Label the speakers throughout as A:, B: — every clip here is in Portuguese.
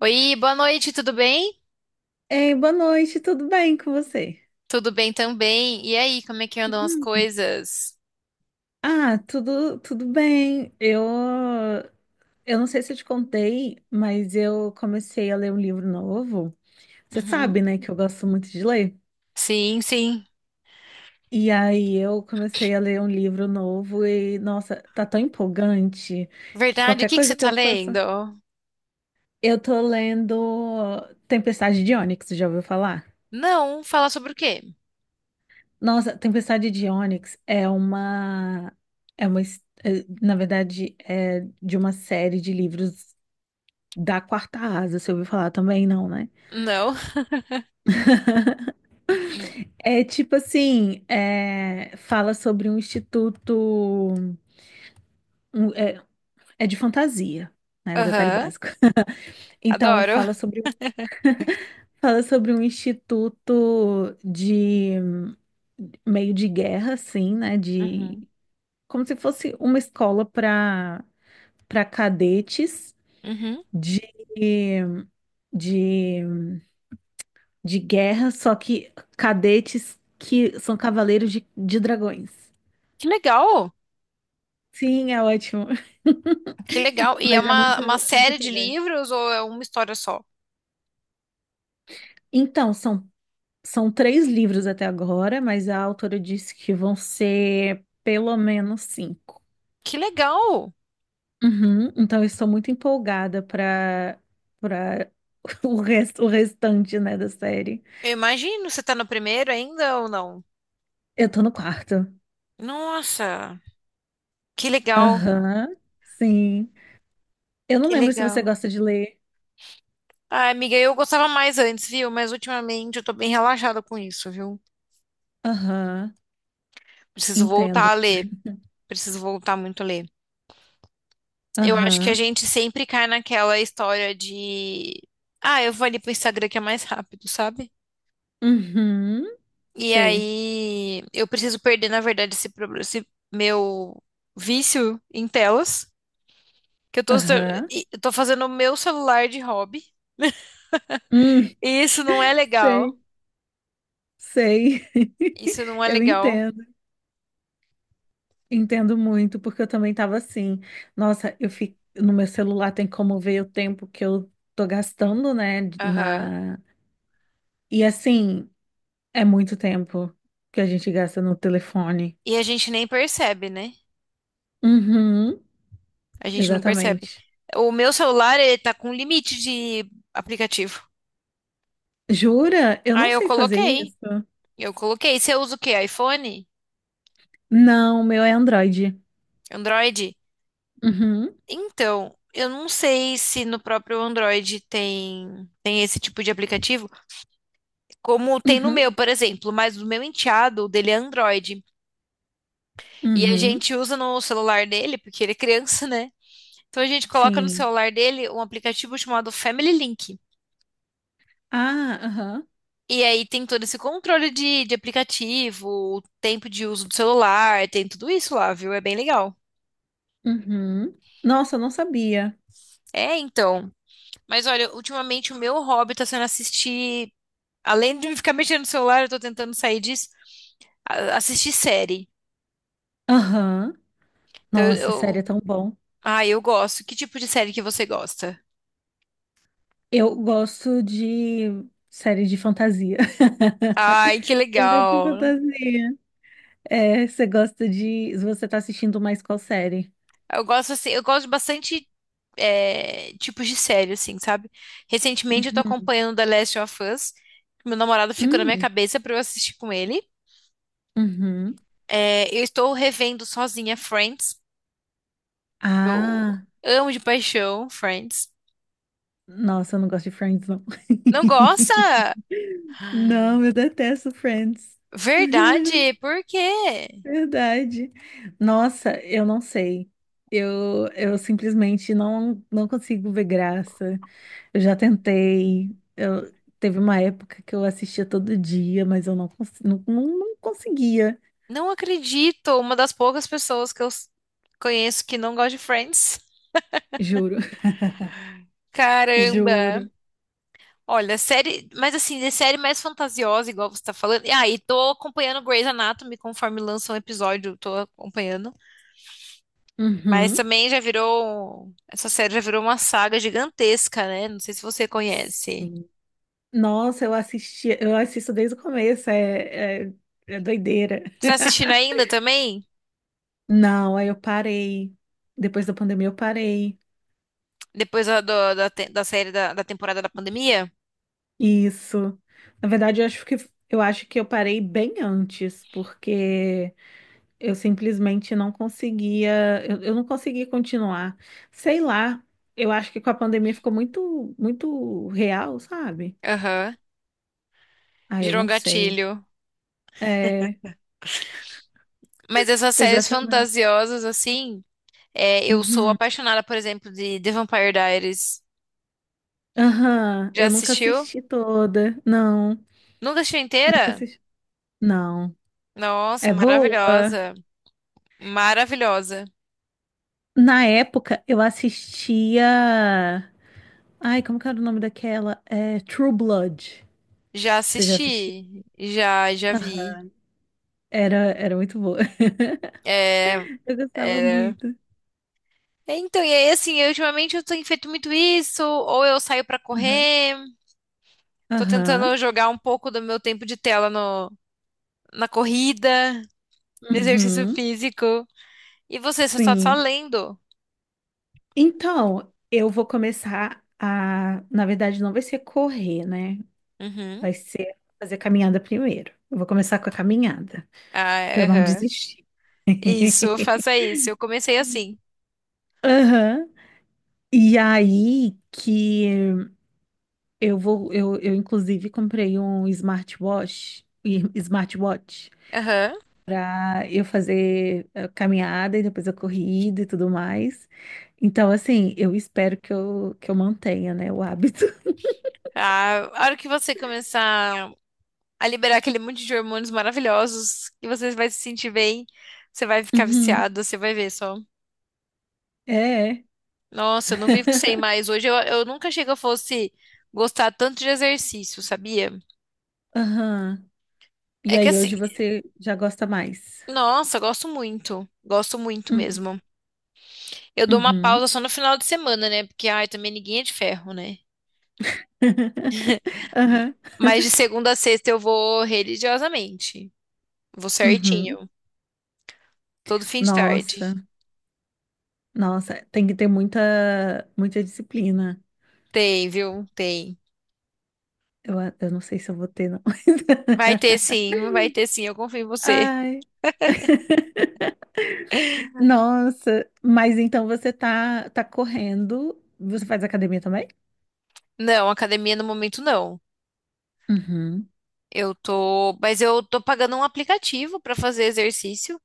A: Oi, boa noite, tudo bem?
B: Ei, boa noite, tudo bem com você?
A: Tudo bem também. E aí, como é que andam as
B: Hum.
A: coisas?
B: Ah, tudo bem. Eu não sei se eu te contei, mas eu comecei a ler um livro novo. Você
A: Uhum.
B: sabe, né, que eu gosto muito de ler.
A: Sim, sim.
B: E aí eu comecei a ler um livro novo e, nossa, tá tão empolgante que
A: Verdade, o
B: qualquer
A: que que você
B: coisa que
A: tá
B: eu
A: lendo?
B: faça. Eu tô lendo Tempestade de Ônix, já ouviu falar?
A: Não, fala sobre o quê?
B: Nossa, Tempestade de Ônix é, na verdade, é de uma série de livros da Quarta Asa, você ouviu falar também, não, né?
A: Não.
B: É tipo assim, é, fala sobre um instituto, um- é, é de fantasia, né? O detalhe
A: Aham,
B: básico. Então,
A: adoro.
B: fala sobre um instituto de meio de guerra, assim, né? De
A: Uhum.
B: como se fosse uma escola para cadetes
A: Uhum.
B: de, de, de guerra, só que cadetes que são cavaleiros de dragões.
A: Que legal.
B: Sim, é ótimo.
A: Que legal. E é
B: Mas é
A: uma,
B: muito,
A: uma
B: é muito
A: série de
B: empolgante.
A: livros ou é uma história só?
B: Então, são três livros até agora, mas a autora disse que vão ser pelo menos cinco.
A: Que legal.
B: Uhum, então, eu estou muito empolgada para para o restante, né, da série.
A: Eu imagino, você tá no primeiro ainda ou não?
B: Eu tô no quarto.
A: Nossa, que legal.
B: Aham, sim. Eu não
A: Que
B: lembro se você
A: legal.
B: gosta de ler.
A: Ai, amiga, eu gostava mais antes, viu? Mas ultimamente eu tô bem relaxada com isso, viu?
B: Aham,
A: Preciso voltar
B: entendo.
A: a ler. Preciso voltar muito a ler. Eu acho que a
B: Aham,
A: gente sempre cai naquela história de. Ah, eu vou ali pro Instagram que é mais rápido, sabe?
B: uhum,
A: E
B: sei.
A: aí eu preciso perder, na verdade, esse meu vício em telas. Que eu tô,
B: Aham,
A: eu tô fazendo o meu celular de hobby.
B: hum,
A: E isso não é legal.
B: sei, sei.
A: Isso não é
B: Eu
A: legal.
B: entendo, entendo muito, porque eu também estava assim. Nossa, eu fico no meu celular tem como ver o tempo que eu tô gastando, né,
A: Aham.
B: na. E assim, é muito tempo que a gente gasta no telefone.
A: E a gente nem percebe, né?
B: Uhum,
A: A gente não percebe.
B: exatamente.
A: O meu celular, ele tá com limite de aplicativo.
B: Jura? Eu não
A: Aí eu
B: sei fazer
A: coloquei.
B: isso.
A: Eu coloquei. Você usa o quê? iPhone?
B: Não, o meu é Android.
A: Android?
B: Uhum.
A: Então, eu não sei se no próprio Android tem esse tipo de aplicativo, como tem no
B: Uhum.
A: meu, por exemplo, mas o meu enteado, o dele é Android. E a
B: Uhum,
A: gente usa no celular dele, porque ele é criança, né? Então a gente coloca no
B: sim.
A: celular dele um aplicativo chamado Family Link.
B: Ah, aham.
A: E aí tem todo esse controle de aplicativo, o tempo de uso do celular, tem tudo isso lá, viu? É bem legal.
B: Uhum. Nossa, eu não sabia.
A: É, então. Mas olha, ultimamente o meu hobby tá sendo assistir. Além de ficar mexendo no celular, eu tô tentando sair disso, assistir série.
B: Aham.
A: Então eu.
B: Nossa, série é
A: eu-
B: tão bom.
A: Ah, eu gosto. Que tipo de série que você gosta?
B: Eu gosto de série de fantasia.
A: Ai, que
B: Série de
A: legal.
B: fantasia. É, você gosta de. Você tá assistindo mais qual série?
A: Eu gosto assim, eu gosto de bastante tipos de série, assim, sabe? Recentemente eu tô
B: Uhum.
A: acompanhando The Last of Us. Meu namorado ficou na minha
B: Hum.
A: cabeça pra eu assistir com ele.
B: Uhum.
A: É, eu estou revendo sozinha Friends. Eu
B: Ah,
A: amo de paixão Friends.
B: nossa, eu não gosto de Friends, não.
A: Não gosta?
B: Não, eu detesto Friends.
A: Verdade, por quê?
B: Verdade. Nossa, eu não sei. Eu simplesmente não consigo ver graça. Eu já tentei. Teve uma época que eu assistia todo dia, mas eu não conseguia.
A: Não acredito. Uma das poucas pessoas que conheço que não gosta de Friends.
B: Juro.
A: Caramba!
B: Juro.
A: Olha, série, mas assim, de série mais fantasiosa, igual você tá falando. E aí, tô acompanhando Grey's Anatomy conforme lança um episódio, tô acompanhando. Mas
B: Uhum.
A: também já virou. Essa série já virou uma saga gigantesca, né? Não sei se você conhece.
B: Sim. Nossa, eu assisto desde o começo, é doideira.
A: Você tá assistindo ainda também?
B: Não, aí eu parei. Depois da pandemia eu parei.
A: Depois da série da temporada da pandemia?
B: Isso. Na verdade, eu acho que eu parei bem antes, porque eu simplesmente não conseguia, eu não consegui continuar. Sei lá, eu acho que com a pandemia ficou muito, muito real, sabe?
A: Aham.
B: Ah, eu
A: Gerou um
B: não sei.
A: gatilho.
B: É,
A: Mas essas séries
B: exatamente.
A: fantasiosas, assim, é, eu sou
B: Uhum.
A: apaixonada, por exemplo, de The Vampire Diaries.
B: Aham,
A: Já
B: eu nunca
A: assistiu?
B: assisti toda. Não,
A: Nunca assistiu
B: nunca
A: inteira?
B: assisti. Não.
A: Nossa,
B: É boa?
A: maravilhosa. Maravilhosa.
B: Na época, eu assistia. Ai, como que era o nome daquela? É, True Blood.
A: Já
B: Você já assistiu?
A: assisti. Já, já vi.
B: Aham. Era muito boa.
A: É,
B: Eu gostava
A: é.
B: muito.
A: Então, e aí, assim, eu, ultimamente eu tenho feito muito isso, ou eu saio pra
B: Aham.
A: correr. Tô tentando
B: Aham.
A: jogar um pouco do meu tempo de tela na corrida, no exercício
B: Uhum.
A: físico. E você, você tá só
B: Sim.
A: lendo?
B: Então, eu vou começar a. Na verdade, não vai ser correr, né?
A: Uhum.
B: Vai ser fazer caminhada primeiro. Eu vou começar com a caminhada, para
A: Ah,
B: eu não
A: aham.
B: desistir.
A: Isso, faça isso. Eu comecei assim.
B: Aham. E aí que eu vou. Eu, inclusive, comprei um smartwatch. Smartwatch.
A: Aham.
B: Para eu fazer caminhada e depois a corrida e tudo mais. Então, assim, eu espero que que eu mantenha, né, o hábito.
A: Ah, a hora que você começar a liberar aquele monte de hormônios maravilhosos, que você vai se sentir bem, você vai ficar
B: Uhum.
A: viciado, você vai ver só.
B: É,
A: Nossa, eu não vivo sem mais. Hoje eu nunca achei que eu fosse gostar tanto de exercício, sabia?
B: aham. E
A: É que
B: aí,
A: assim,
B: hoje você já gosta mais.
A: nossa, gosto muito. Gosto muito
B: Uhum.
A: mesmo. Eu dou uma
B: Uhum.
A: pausa só no final de semana, né? Porque, ai, também ninguém é de ferro, né? M-
B: Aham.
A: Mas de segunda a sexta eu vou religiosamente. Vou
B: Uhum.
A: certinho. Todo fim de
B: Nossa,
A: tarde.
B: nossa, tem que ter muita, muita disciplina.
A: Tem, viu? Tem.
B: Eu não sei se eu vou ter, não.
A: Vai ter sim, vai ter sim. Eu confio em você.
B: Ai, nossa, mas então você tá correndo. Você faz academia também?
A: Não, academia no momento não.
B: Uhum.
A: Eu tô. Mas eu tô pagando um aplicativo pra fazer exercício.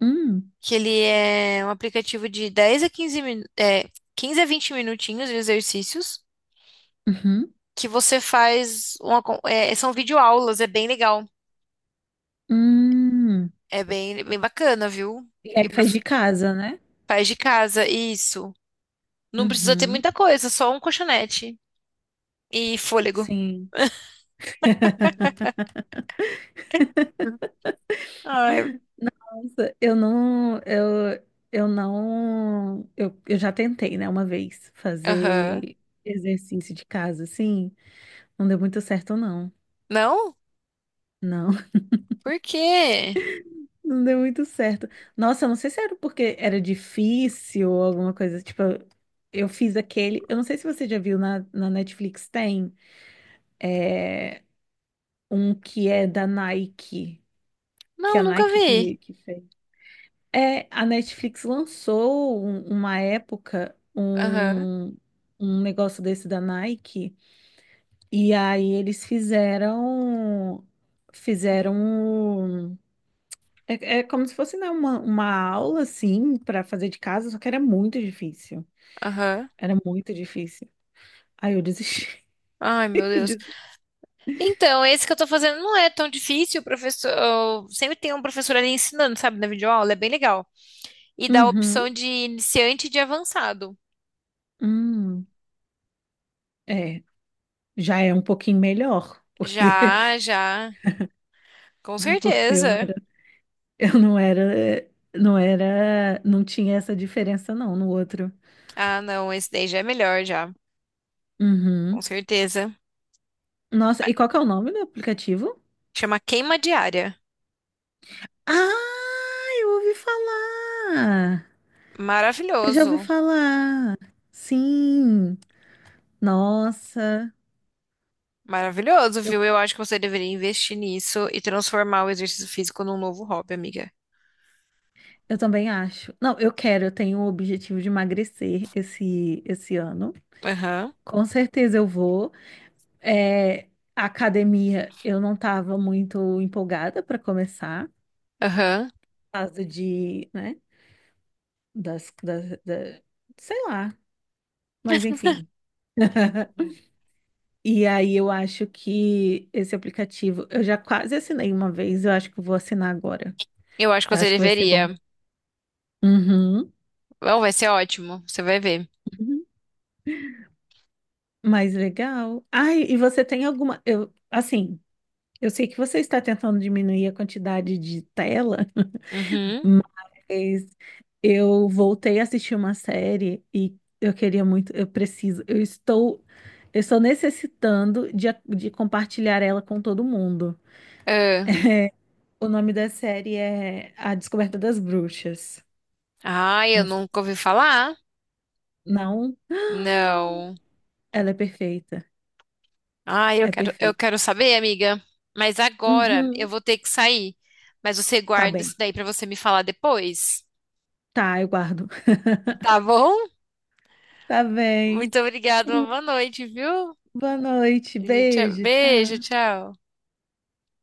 B: Hum.
A: Que ele é um aplicativo de 10 a 15, 15 a 20 minutinhos de exercícios.
B: Uhum.
A: Que você faz são videoaulas, é bem legal.
B: Hum.
A: É bem, bem bacana, viu?
B: E aí
A: E pro,
B: faz de casa, né?
A: faz de casa, isso. Não precisa ter
B: Uhum.
A: muita coisa, só um colchonete e fôlego.
B: Sim.
A: Ai,
B: Nossa, eu não, eu não, eu já tentei, né, uma vez
A: aham.
B: fazer exercício de casa, assim, não deu muito certo, não.
A: Não?
B: Não,
A: Por quê?
B: não deu muito certo. Nossa, eu não sei se era porque era difícil ou alguma coisa, tipo, eu fiz aquele, eu não sei se você já viu na Netflix, tem, é, um que é da Nike. Que
A: Não,
B: a
A: nunca
B: Nike
A: vi.
B: que fez. É, a Netflix lançou uma época
A: Aham,
B: um negócio desse da Nike e aí eles fizeram um- é como se fosse né, uma aula assim para fazer de casa, só que era muito difícil.
A: aham.
B: Era muito difícil. Aí eu desisti.
A: Ai, meu
B: Eu
A: Deus.
B: desisti.
A: Então, esse que eu tô fazendo não é tão difícil, o professor, sempre tem um professor ali ensinando, sabe, na videoaula, é bem legal. E dá a opção
B: Uhum.
A: de iniciante e de avançado.
B: Hum. É, já é um pouquinho melhor, porque,
A: Já, já. Com
B: porque
A: certeza.
B: eu não era, não tinha essa diferença não no outro.
A: Ah, não, esse daí já é melhor já. Com
B: Uhum.
A: certeza.
B: Nossa, e qual que é o nome do aplicativo?
A: Chama Queima Diária.
B: Ah, eu ouvi falar. Eu já ouvi
A: Maravilhoso.
B: falar. Sim. Nossa.
A: Maravilhoso,
B: Eu,
A: viu? Eu acho que você deveria investir nisso e transformar o exercício físico num novo hobby, amiga.
B: eu também acho. Não, eu tenho o objetivo de emagrecer esse ano.
A: Aham.
B: Com certeza eu vou. É, a academia, eu não estava muito empolgada para começar, por
A: Aham.
B: causa de, né? das, das, da- Sei lá, mas enfim. E aí eu acho que esse aplicativo, eu já quase assinei uma vez, eu acho que eu vou assinar agora.
A: Eu acho que
B: Eu
A: você
B: acho que vai ser bom.
A: deveria.
B: Uhum.
A: Bom, vai ser ótimo. Você vai ver.
B: Uhum. Mas legal. Ai, e você tem alguma, eu sei que você está tentando diminuir a quantidade de tela.
A: Uhum.
B: Mas eu voltei a assistir uma série e eu queria muito, eu preciso, eu estou necessitando de compartilhar ela com todo mundo.
A: Ah,
B: O nome da série é A Descoberta das Bruxas.
A: ai, eu
B: Não,
A: nunca ouvi falar.
B: não,
A: Não.
B: ela é perfeita.
A: Ai,
B: É
A: eu
B: perfeita.
A: quero saber, amiga. Mas agora eu
B: Uhum.
A: vou ter que sair. Mas você
B: Tá
A: guarda isso
B: bem.
A: daí pra você me falar depois.
B: Tá, eu guardo.
A: Tá bom?
B: Tá bem.
A: Muito obrigada, uma
B: Hum.
A: boa noite, viu?
B: Boa noite.
A: E tchau,
B: Beijo.
A: beijo,
B: Tchau.
A: tchau.